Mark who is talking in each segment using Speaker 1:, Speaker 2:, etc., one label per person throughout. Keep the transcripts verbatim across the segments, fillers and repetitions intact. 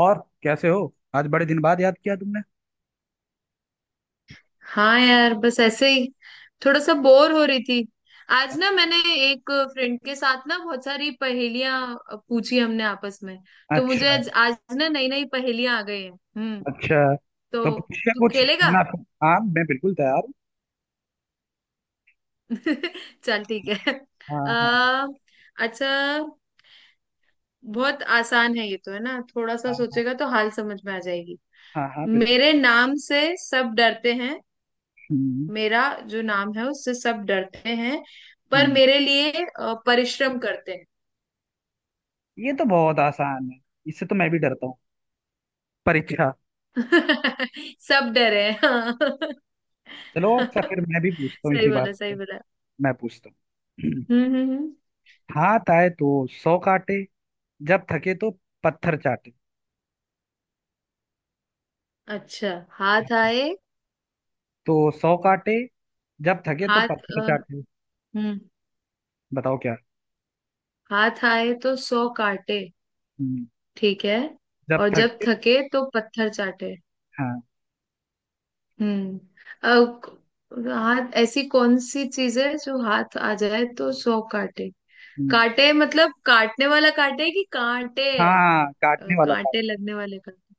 Speaker 1: और कैसे हो, आज बड़े दिन बाद याद किया तुमने।
Speaker 2: हाँ यार बस ऐसे ही थोड़ा सा बोर हो रही थी। आज ना मैंने एक फ्रेंड के साथ ना बहुत सारी पहेलियां पूछी हमने आपस में। तो मुझे
Speaker 1: अच्छा।
Speaker 2: आज, आज ना नई नई पहेलियां आ गई हैं हम्म
Speaker 1: अच्छा। तो
Speaker 2: तो
Speaker 1: पूछिए
Speaker 2: तू
Speaker 1: कुछ
Speaker 2: खेलेगा?
Speaker 1: वरना। हाँ, मैं बिल्कुल तैयार हूँ।
Speaker 2: चल ठीक है।
Speaker 1: हाँ
Speaker 2: आ,
Speaker 1: हाँ।
Speaker 2: अच्छा। बहुत आसान है ये तो, है ना? थोड़ा सा
Speaker 1: हाँ हाँ।
Speaker 2: सोचेगा तो हाल समझ में आ जाएगी।
Speaker 1: हाँ हाँ बिल्कुल।
Speaker 2: मेरे नाम से सब डरते हैं।
Speaker 1: हम्म।
Speaker 2: मेरा जो नाम है उससे सब डरते हैं, पर
Speaker 1: हम्म।
Speaker 2: मेरे लिए अ, परिश्रम करते हैं।
Speaker 1: ये तो बहुत आसान है। इससे तो मैं भी डरता हूँ। परीक्षा।
Speaker 2: सब डरे हैं हाँ।
Speaker 1: चलो अच्छा, फिर मैं भी पूछता हूँ
Speaker 2: सही
Speaker 1: इसी
Speaker 2: बोला,
Speaker 1: बात
Speaker 2: सही
Speaker 1: पे।
Speaker 2: बोला।
Speaker 1: मैं पूछता हूँ।
Speaker 2: हम्म, हम्म, हम्म।
Speaker 1: हाथ आए तो सौ काटे, जब थके तो पत्थर चाटे।
Speaker 2: अच्छा। हाथ आए
Speaker 1: तो सौ काटे, जब थके तो
Speaker 2: हाथ
Speaker 1: पत्थर
Speaker 2: अ,
Speaker 1: चाटे।
Speaker 2: हम्म
Speaker 1: बताओ क्या।
Speaker 2: हाथ आए तो सौ काटे,
Speaker 1: हम्म,
Speaker 2: ठीक है,
Speaker 1: जब
Speaker 2: और जब
Speaker 1: थके।
Speaker 2: थके तो पत्थर चाटे।
Speaker 1: हाँ।
Speaker 2: हम्म। अब हाथ ऐसी कौन सी चीज है जो हाथ आ जाए तो सौ काटे?
Speaker 1: हम्म,
Speaker 2: काटे मतलब काटने वाला काटे कि कांटे है?
Speaker 1: हाँ, काटने
Speaker 2: अ,
Speaker 1: वाला था।
Speaker 2: कांटे लगने वाले काटे?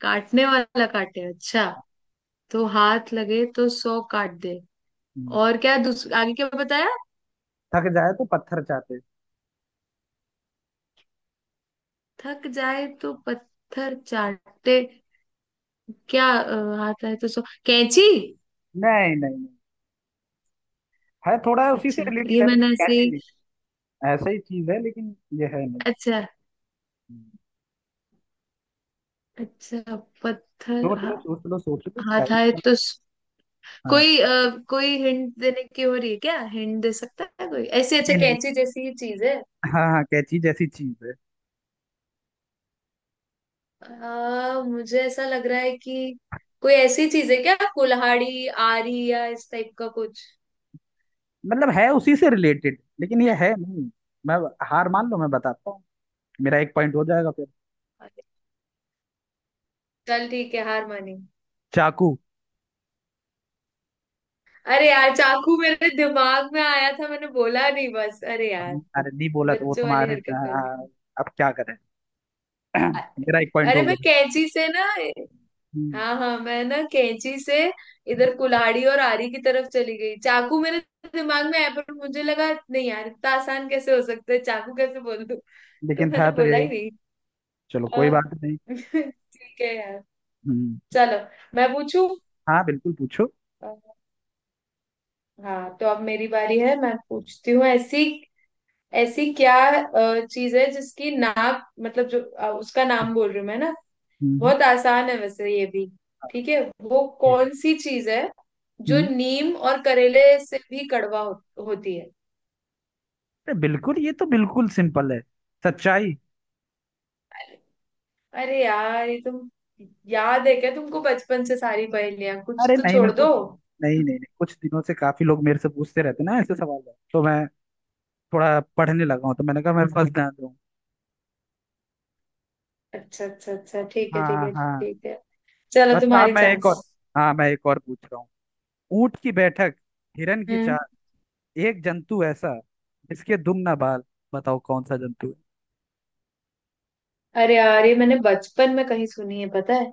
Speaker 2: काटने वाला काटे, अच्छा। तो हाथ लगे तो सौ काट दे। और क्या दूस- आगे क्या बताया?
Speaker 1: थक जाए तो पत्थर चाहते।
Speaker 2: थक जाए तो पत्थर चाटे। क्या अ, हाथ आए तो सौ कैंची?
Speaker 1: नहीं नहीं नहीं, है थोड़ा उसी से
Speaker 2: अच्छा,
Speaker 1: रिलेटेड
Speaker 2: ये
Speaker 1: है लेकिन
Speaker 2: मैंने ऐसे
Speaker 1: कैसी
Speaker 2: ही।
Speaker 1: नहीं। ऐसा ही चीज है लेकिन ये है नहीं।
Speaker 2: अच्छा,
Speaker 1: हम्म।
Speaker 2: अच्छा। पत्थर।
Speaker 1: सोच
Speaker 2: हा,
Speaker 1: लो, सोच लो, सोच लो
Speaker 2: हाथ
Speaker 1: स्टाइल।
Speaker 2: आए तो स...
Speaker 1: हाँ,
Speaker 2: कोई अ, कोई हिंट देने की हो रही है क्या, हिंट दे सकता है कोई ऐसी? अच्छा,
Speaker 1: ये नहीं।
Speaker 2: कैंची जैसी ही चीज है।
Speaker 1: हाँ हाँ, कैची जैसी चीज है।
Speaker 2: अ, मुझे ऐसा लग रहा है कि कोई ऐसी चीज है क्या, कुल्हाड़ी, आरी या इस टाइप का कुछ?
Speaker 1: मतलब है उसी से रिलेटेड लेकिन ये है नहीं। मैं, हार मान लो मैं बताता हूँ। मेरा एक पॉइंट हो जाएगा फिर।
Speaker 2: है, चल ठीक है, हार मानी।
Speaker 1: चाकू।
Speaker 2: अरे यार चाकू मेरे दिमाग में आया था, मैंने बोला नहीं, बस अरे यार।
Speaker 1: अब अरे नहीं बोला तो वो
Speaker 2: बच्चों वाली
Speaker 1: तुम्हारे,
Speaker 2: हरकत कर दी।
Speaker 1: हाँ, अब क्या करें।
Speaker 2: अ-
Speaker 1: मेरा एक पॉइंट
Speaker 2: अरे
Speaker 1: हो
Speaker 2: मैं
Speaker 1: गया।
Speaker 2: कैंची से ना,
Speaker 1: हम्म,
Speaker 2: हाँ हाँ मैं ना कैंची से इधर कुल्हाड़ी और आरी की तरफ चली गई। चाकू मेरे दिमाग में आया, पर मुझे लगा नहीं यार, इतना आसान कैसे हो सकता है, चाकू कैसे बोल दूं? तो
Speaker 1: लेकिन
Speaker 2: मैंने
Speaker 1: था तो
Speaker 2: बोला
Speaker 1: यही।
Speaker 2: ही नहीं।
Speaker 1: चलो कोई
Speaker 2: अ,
Speaker 1: बात नहीं।
Speaker 2: ठीक है यार।
Speaker 1: हम्म।
Speaker 2: चलो मैं पूछू।
Speaker 1: हाँ बिल्कुल पूछो।
Speaker 2: हाँ तो अब मेरी बारी है, मैं पूछती हूँ। ऐसी ऐसी क्या अ, चीज है जिसकी नाप, मतलब जो अ, उसका
Speaker 1: हम्म।
Speaker 2: नाम बोल रही हूँ मैं ना।
Speaker 1: हम्म।
Speaker 2: बहुत आसान है वैसे ये भी, ठीक है। वो
Speaker 1: ठीक है।
Speaker 2: कौन सी चीज है जो
Speaker 1: हम्म,
Speaker 2: नीम और करेले से भी कड़वा हो, होती है?
Speaker 1: बिल्कुल ये तो बिल्कुल सिंपल है। सच्चाई।
Speaker 2: अरे यार, ये तुम याद है क्या तुमको, बचपन से सारी पहेलियां कुछ
Speaker 1: अरे
Speaker 2: तो
Speaker 1: नहीं मैं
Speaker 2: छोड़
Speaker 1: कुछ,
Speaker 2: दो।
Speaker 1: नहीं नहीं नहीं, कुछ दिनों से काफी लोग मेरे से पूछते रहते ना ऐसे सवाल। तो मैं थोड़ा पढ़ने लगा हूँ, तो मैंने कहा मैं फर्स्ट ध्यान दूँ।
Speaker 2: अच्छा, अच्छा, अच्छा, ठीक है, ठीक
Speaker 1: हाँ
Speaker 2: है,
Speaker 1: हाँ।
Speaker 2: ठीक है। चलो
Speaker 1: अच्छा, अब
Speaker 2: तुम्हारी
Speaker 1: मैं एक
Speaker 2: चांस।
Speaker 1: और, हाँ मैं एक और पूछ रहा हूँ। ऊंट की बैठक, हिरन की
Speaker 2: हम्म।
Speaker 1: चाल, एक जंतु ऐसा जिसके दुम ना बाल। बताओ कौन सा जंतु है।
Speaker 2: अरे यार ये मैंने बचपन में कहीं सुनी है, पता है।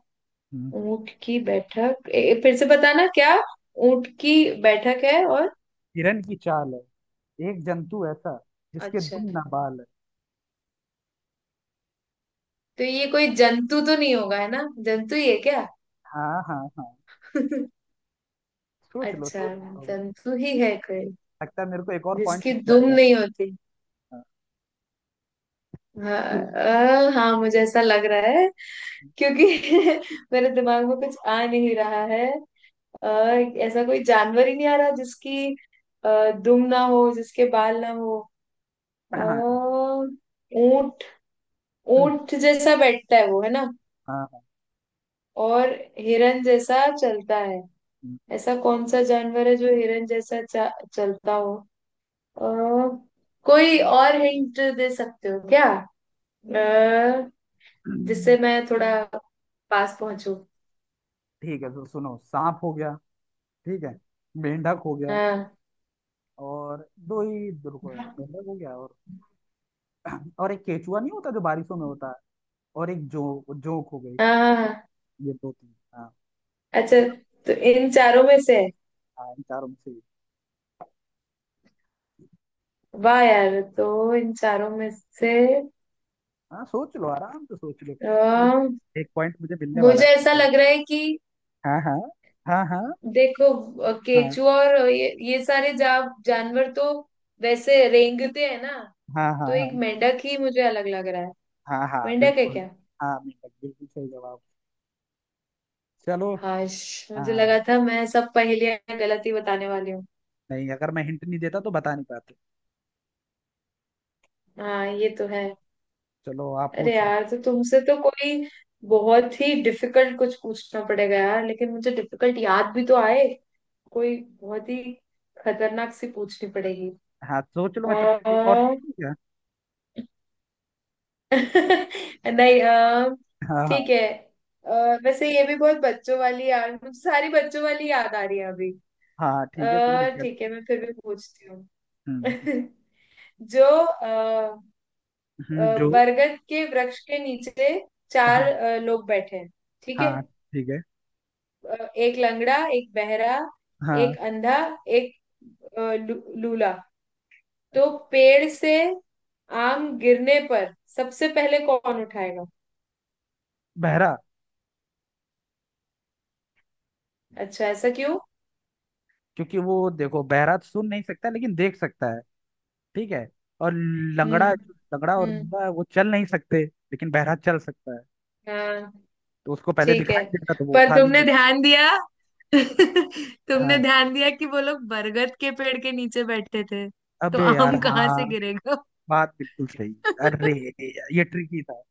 Speaker 1: हम्म, हम्म।
Speaker 2: ऊंट की बैठक, ए, फिर से बताना क्या? ऊंट की बैठक है, और
Speaker 1: हिरन की चाल है, एक जंतु ऐसा जिसके
Speaker 2: अच्छा।
Speaker 1: दुम ना बाल है।
Speaker 2: तो ये कोई जंतु तो नहीं होगा, है ना? जंतु ही है क्या?
Speaker 1: हाँ हाँ हाँ। सोच लो,
Speaker 2: अच्छा,
Speaker 1: सोच लो।
Speaker 2: जंतु ही है कोई,
Speaker 1: लगता है मेरे को एक और पॉइंट
Speaker 2: जिसकी
Speaker 1: मिल
Speaker 2: दुम
Speaker 1: जाएगा।
Speaker 2: नहीं होती?
Speaker 1: हाँ।
Speaker 2: हाँ। अ, हाँ मुझे ऐसा लग रहा है, क्योंकि मेरे दिमाग में कुछ आ नहीं रहा है। आ, ऐसा कोई जानवर ही नहीं आ रहा जिसकी अ, दुम ना हो, जिसके बाल ना हो। अ,
Speaker 1: हाँ, हाँ,
Speaker 2: ऊंट,
Speaker 1: हाँ,
Speaker 2: ऊंट जैसा बैठता है वो, है ना?
Speaker 1: हाँ, हाँ,
Speaker 2: और हिरन जैसा चलता है। ऐसा कौन सा जानवर है जो हिरन जैसा चा- चलता हो? अ, कोई और हिंट दे सकते हो क्या, अ,
Speaker 1: हम्म,
Speaker 2: जिससे मैं थोड़ा पास पहुंचू?
Speaker 1: ठीक है तो सुनो, सांप हो गया, ठीक है, मेंढक हो गया
Speaker 2: हाँ,
Speaker 1: और, दो ही रुको, मेंढक हो गया और और एक केचुआ नहीं होता जो बारिशों में होता है, और एक जो जोंक हो गई।
Speaker 2: हाँ, हाँ, हाँ।
Speaker 1: ये दो तीन, हाँ,
Speaker 2: अच्छा,
Speaker 1: चार।
Speaker 2: तो इन चारों में से है।
Speaker 1: हाँ, इन चारों में से एक।
Speaker 2: वाह यार, तो इन चारों में से
Speaker 1: हाँ सोच लो, आराम से सोच लो।
Speaker 2: अ,
Speaker 1: एक पॉइंट मुझे मिलने वाला
Speaker 2: मुझे
Speaker 1: है
Speaker 2: ऐसा
Speaker 1: फिर से।
Speaker 2: लग रहा है कि,
Speaker 1: हाँ हाँ हाँ हाँ
Speaker 2: देखो अ,
Speaker 1: हाँ
Speaker 2: केचुआ और ये ये सारे जा, जानवर तो वैसे रेंगते हैं ना।
Speaker 1: हाँ हाँ
Speaker 2: तो
Speaker 1: हाँ
Speaker 2: एक मेंढक ही मुझे अलग लग रहा है।
Speaker 1: हाँ हाँ
Speaker 2: मेंढक है
Speaker 1: बिल्कुल।
Speaker 2: क्या?
Speaker 1: हाँ, मेंढक बिल्कुल सही जवाब। चलो।
Speaker 2: हाश, मुझे लगा
Speaker 1: हाँ,
Speaker 2: था मैं सब पहेलियां गलत ही बताने वाली हूँ।
Speaker 1: नहीं अगर मैं हिंट नहीं देता तो बता नहीं पाते।
Speaker 2: हाँ ये तो है।
Speaker 1: चलो आप
Speaker 2: अरे
Speaker 1: पूछो।
Speaker 2: यार, तो तुमसे तो कोई बहुत ही डिफिकल्ट कुछ पूछना पड़ेगा यार, लेकिन मुझे डिफिकल्ट याद भी तो आए। कोई बहुत ही खतरनाक सी पूछनी पड़ेगी।
Speaker 1: हाँ, सोच लो मैं तब तक एक और
Speaker 2: अ,
Speaker 1: पूछूं क्या।
Speaker 2: नहीं, अ,
Speaker 1: हाँ हाँ।
Speaker 2: ठीक है। अ, वैसे ये भी बहुत बच्चों वाली, यार मुझे सारी बच्चों वाली याद आ रही है अभी।
Speaker 1: हाँ, ठीक है, कोई
Speaker 2: अ,
Speaker 1: दिक्कत।
Speaker 2: ठीक है मैं फिर भी पूछती हूँ।
Speaker 1: हम्म।
Speaker 2: जो अ,
Speaker 1: हम्म,
Speaker 2: अ,
Speaker 1: जो।
Speaker 2: बरगद के वृक्ष के नीचे चार
Speaker 1: हाँ।
Speaker 2: अ, लोग बैठे हैं, ठीक है।
Speaker 1: हाँ ठीक है।
Speaker 2: अ, एक लंगड़ा, एक बहरा,
Speaker 1: हाँ,
Speaker 2: एक अंधा, एक अ, लू- लूला। तो पेड़ से आम गिरने पर सबसे पहले कौन उठाएगा?
Speaker 1: बहरा।
Speaker 2: अच्छा, ऐसा क्यों?
Speaker 1: क्योंकि वो देखो, बहरा तो सुन नहीं सकता लेकिन देख सकता है। ठीक है। और
Speaker 2: हम्म,
Speaker 1: लंगड़ा, लंगड़ा और
Speaker 2: हम्म।
Speaker 1: लूला है, वो चल नहीं सकते लेकिन बहरा चल सकता है।
Speaker 2: हाँ,
Speaker 1: तो उसको पहले
Speaker 2: ठीक
Speaker 1: दिखाई
Speaker 2: है।
Speaker 1: देगा तो वो
Speaker 2: पर
Speaker 1: उठा
Speaker 2: तुमने
Speaker 1: लूगा।
Speaker 2: ध्यान दिया? तुमने
Speaker 1: हाँ,
Speaker 2: ध्यान दिया कि वो लोग बरगद के पेड़ के नीचे बैठते थे, तो
Speaker 1: अबे यार
Speaker 2: आम कहाँ से
Speaker 1: हाँ।
Speaker 2: गिरेगा?
Speaker 1: बात बिल्कुल सही है। अरे यार, ये ट्रिकी था।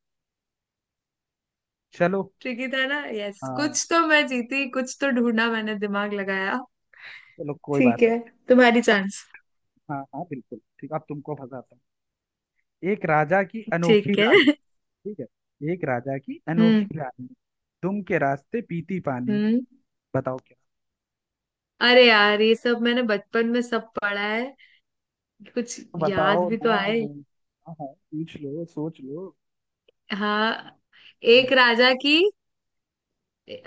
Speaker 1: चलो।
Speaker 2: ट्रिकी था ना, यस,
Speaker 1: हाँ।
Speaker 2: कुछ तो मैं जीती, कुछ तो ढूंढा मैंने दिमाग लगाया।
Speaker 1: चलो कोई
Speaker 2: ठीक
Speaker 1: बात नहीं।
Speaker 2: है, तुम्हारी चांस।
Speaker 1: हाँ हाँ बिल्कुल ठीक, अब तुमको फंसाता हूँ। एक राजा की अनोखी
Speaker 2: ठीक है।
Speaker 1: रानी। ठीक है। एक राजा की
Speaker 2: हम्म,
Speaker 1: अनोखी रानी, तुम के रास्ते पीती पानी।
Speaker 2: हम्म।
Speaker 1: बताओ क्या।
Speaker 2: अरे यार ये सब मैंने बचपन में सब पढ़ा है, कुछ याद
Speaker 1: बताओ
Speaker 2: भी तो
Speaker 1: ना।
Speaker 2: आए।
Speaker 1: हाँ हाँ, पूछ लो, सोच लो।
Speaker 2: हाँ,
Speaker 1: हम्म,
Speaker 2: एक राजा की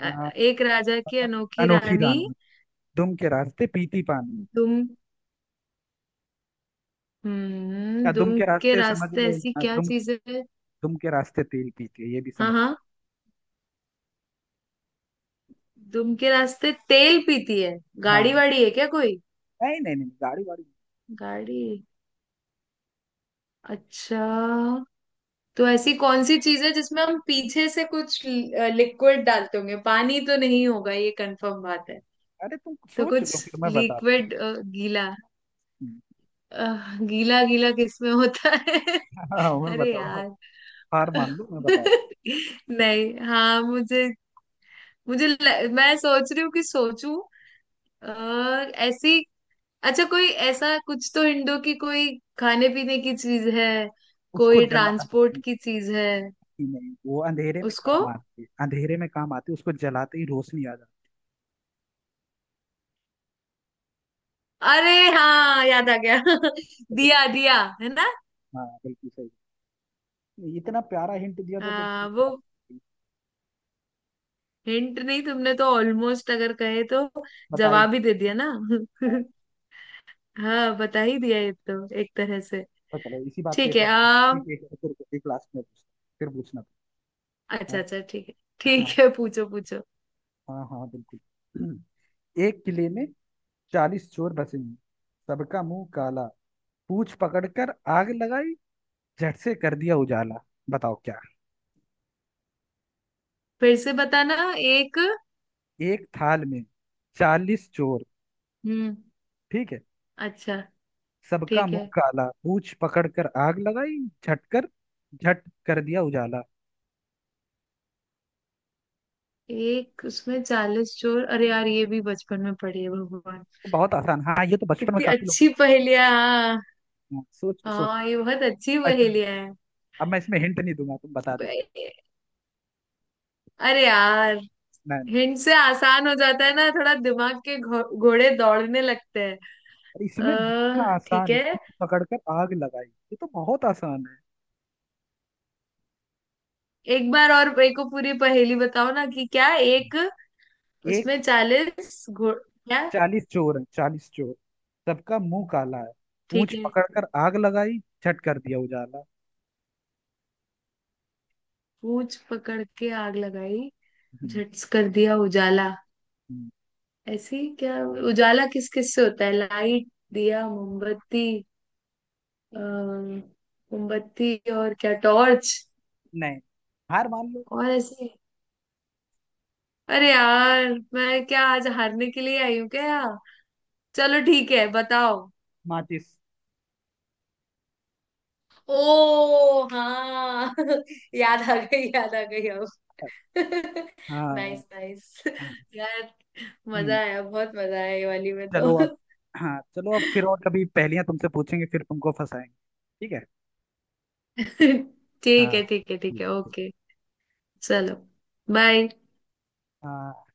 Speaker 1: आ,
Speaker 2: राजा की
Speaker 1: पता नहीं,
Speaker 2: अनोखी
Speaker 1: अनोखी
Speaker 2: रानी।
Speaker 1: रानी, दुम के रास्ते पीती पानी।
Speaker 2: तुम
Speaker 1: या
Speaker 2: हम्म
Speaker 1: दुम
Speaker 2: दुम
Speaker 1: के
Speaker 2: के
Speaker 1: रास्ते समझ
Speaker 2: रास्ते
Speaker 1: लो,
Speaker 2: ऐसी
Speaker 1: आ,
Speaker 2: क्या
Speaker 1: दुम,
Speaker 2: चीज है?
Speaker 1: दुम के रास्ते तेल पीती है ये भी
Speaker 2: हाँ
Speaker 1: समझ सकते।
Speaker 2: हाँ, दुम के रास्ते तेल पीती है, गाड़ी
Speaker 1: हाँ,
Speaker 2: वाड़ी है क्या कोई?
Speaker 1: नहीं नहीं नहीं गाड़ी वाड़ी।
Speaker 2: गाड़ी, अच्छा। तो ऐसी कौन सी चीज है जिसमें हम पीछे से कुछ लिक्विड डालते होंगे, पानी तो नहीं होगा ये कंफर्म बात है।
Speaker 1: अरे तुम
Speaker 2: तो
Speaker 1: सोच
Speaker 2: कुछ
Speaker 1: लो फिर मैं बताता
Speaker 2: लिक्विड, गीला।
Speaker 1: हूँ। हम्म,
Speaker 2: अ, गीला गीला किसमें होता है?
Speaker 1: हाँ, हाँ, मैं
Speaker 2: अरे
Speaker 1: बताता हूँ,
Speaker 2: यार।
Speaker 1: हार मान लो मैं बताता
Speaker 2: नहीं, हाँ मुझे, मुझे ल- मैं सोच रही हूँ कि सोचूं, और ऐसी। अच्छा, कोई ऐसा कुछ तो इंडो की कोई खाने पीने की चीज है?
Speaker 1: हूँ। उसको
Speaker 2: कोई
Speaker 1: जला,
Speaker 2: ट्रांसपोर्ट की चीज है?
Speaker 1: नहीं नहीं, वो अंधेरे में
Speaker 2: उसको,
Speaker 1: काम आती है, अंधेरे में काम आती है, उसको जलाते ही रोशनी आ जाती
Speaker 2: अरे हाँ याद आ गया।
Speaker 1: है तो बिल्कुल।
Speaker 2: दिया, दिया, है ना?
Speaker 1: हाँ बिल्कुल सही, इतना प्यारा हिंट दिया तो
Speaker 2: हाँ वो
Speaker 1: तुमने,
Speaker 2: हिंट नहीं, तुमने तो ऑलमोस्ट, अगर कहे तो
Speaker 1: बता ही
Speaker 2: जवाब
Speaker 1: नहीं
Speaker 2: ही दे दिया ना।
Speaker 1: पाया।
Speaker 2: हाँ, बता ही दिया ये तो एक तरह से।
Speaker 1: तो चलो इसी बात पे
Speaker 2: ठीक
Speaker 1: एक
Speaker 2: है,
Speaker 1: और, हाँ,
Speaker 2: आम।
Speaker 1: ठीक है, एक और फिर क्लास में पूछता, फिर पूछना। हाँ
Speaker 2: अच्छा, अच्छा, ठीक है,
Speaker 1: हाँ।
Speaker 2: ठीक है, पूछो, पूछो।
Speaker 1: हाँ हाँ, बिल्कुल। एक किले में चालीस चोर बसे हैं, सबका मुंह काला, पूंछ पकड़कर आग लगाई, झट से कर दिया उजाला। बताओ क्या।
Speaker 2: फिर से बताना, एक?
Speaker 1: एक थाल में चालीस चोर,
Speaker 2: हम्म।
Speaker 1: ठीक है,
Speaker 2: अच्छा,
Speaker 1: सबका
Speaker 2: ठीक
Speaker 1: मुंह
Speaker 2: है।
Speaker 1: काला, पूंछ पकड़ कर आग लगाई, झटकर, झट कर दिया उजाला।
Speaker 2: एक उसमें चालीस चोर? अरे यार, ये भी बचपन में पढ़ी है भगवान।
Speaker 1: ये बहुत आसान, हाँ ये तो बचपन में
Speaker 2: कितनी
Speaker 1: काफी लोग।
Speaker 2: अच्छी पहेलियां, हाँ।
Speaker 1: हाँ, सोच सोच।
Speaker 2: हाँ ये बहुत अच्छी
Speaker 1: ऐसा नहीं।
Speaker 2: पहेलियां है।
Speaker 1: अब मैं इसमें हिंट नहीं दूंगा, तुम बता देते।
Speaker 2: प- अरे यार,
Speaker 1: नहीं नहीं नहीं।
Speaker 2: हिंट से आसान हो जाता है ना, थोड़ा दिमाग के घो- घोड़े दौड़ने लगते हैं।
Speaker 1: अरे इसमें इतना
Speaker 2: अः ठीक
Speaker 1: आसान है,
Speaker 2: है।
Speaker 1: पूंछ पकड़ कर आग लगाई, ये तो बहुत आसान है।
Speaker 2: एक बार और मेरे को पूरी पहेली बताओ ना, कि क्या एक
Speaker 1: एक
Speaker 2: उसमें चालीस घोड़ क्या?
Speaker 1: चालीस चोर है, चालीस चोर, सबका मुंह काला है,
Speaker 2: ठीक
Speaker 1: पूंछ
Speaker 2: है।
Speaker 1: पकड़ कर आग लगाई, झट कर दिया उजाला।
Speaker 2: पूंछ पकड़ के आग लगाई,
Speaker 1: हम्म,
Speaker 2: झट्स कर दिया उजाला,
Speaker 1: हम्म।
Speaker 2: ऐसे ही क्या? उजाला किस किस से होता है? लाइट, दिया, मोमबत्ती अ, मोमबत्ती, और क्या, टॉर्च?
Speaker 1: नहीं, हार मान लो।
Speaker 2: और ऐसे? अरे यार, मैं क्या आज हारने के लिए आई हूँ क्या? चलो ठीक है, बताओ।
Speaker 1: माचिस।
Speaker 2: ओ हाँ, याद आ गई, याद आ गई अब।
Speaker 1: हाँ,
Speaker 2: नाइस, नाइस।
Speaker 1: हाँ,
Speaker 2: यार, मजा
Speaker 1: हम्म।
Speaker 2: आया, बहुत मजा आया ये वाली में तो।
Speaker 1: चलो अब, हाँ चलो अब फिर और कभी पहेलियां तुमसे पूछेंगे, फिर तुमको फंसाएंगे। ठीक है। हाँ।
Speaker 2: ठीक है, ठीक है, ठीक
Speaker 1: ठीक,
Speaker 2: है,
Speaker 1: ठीक।
Speaker 2: ओके। चलो, बाय।
Speaker 1: हाँ।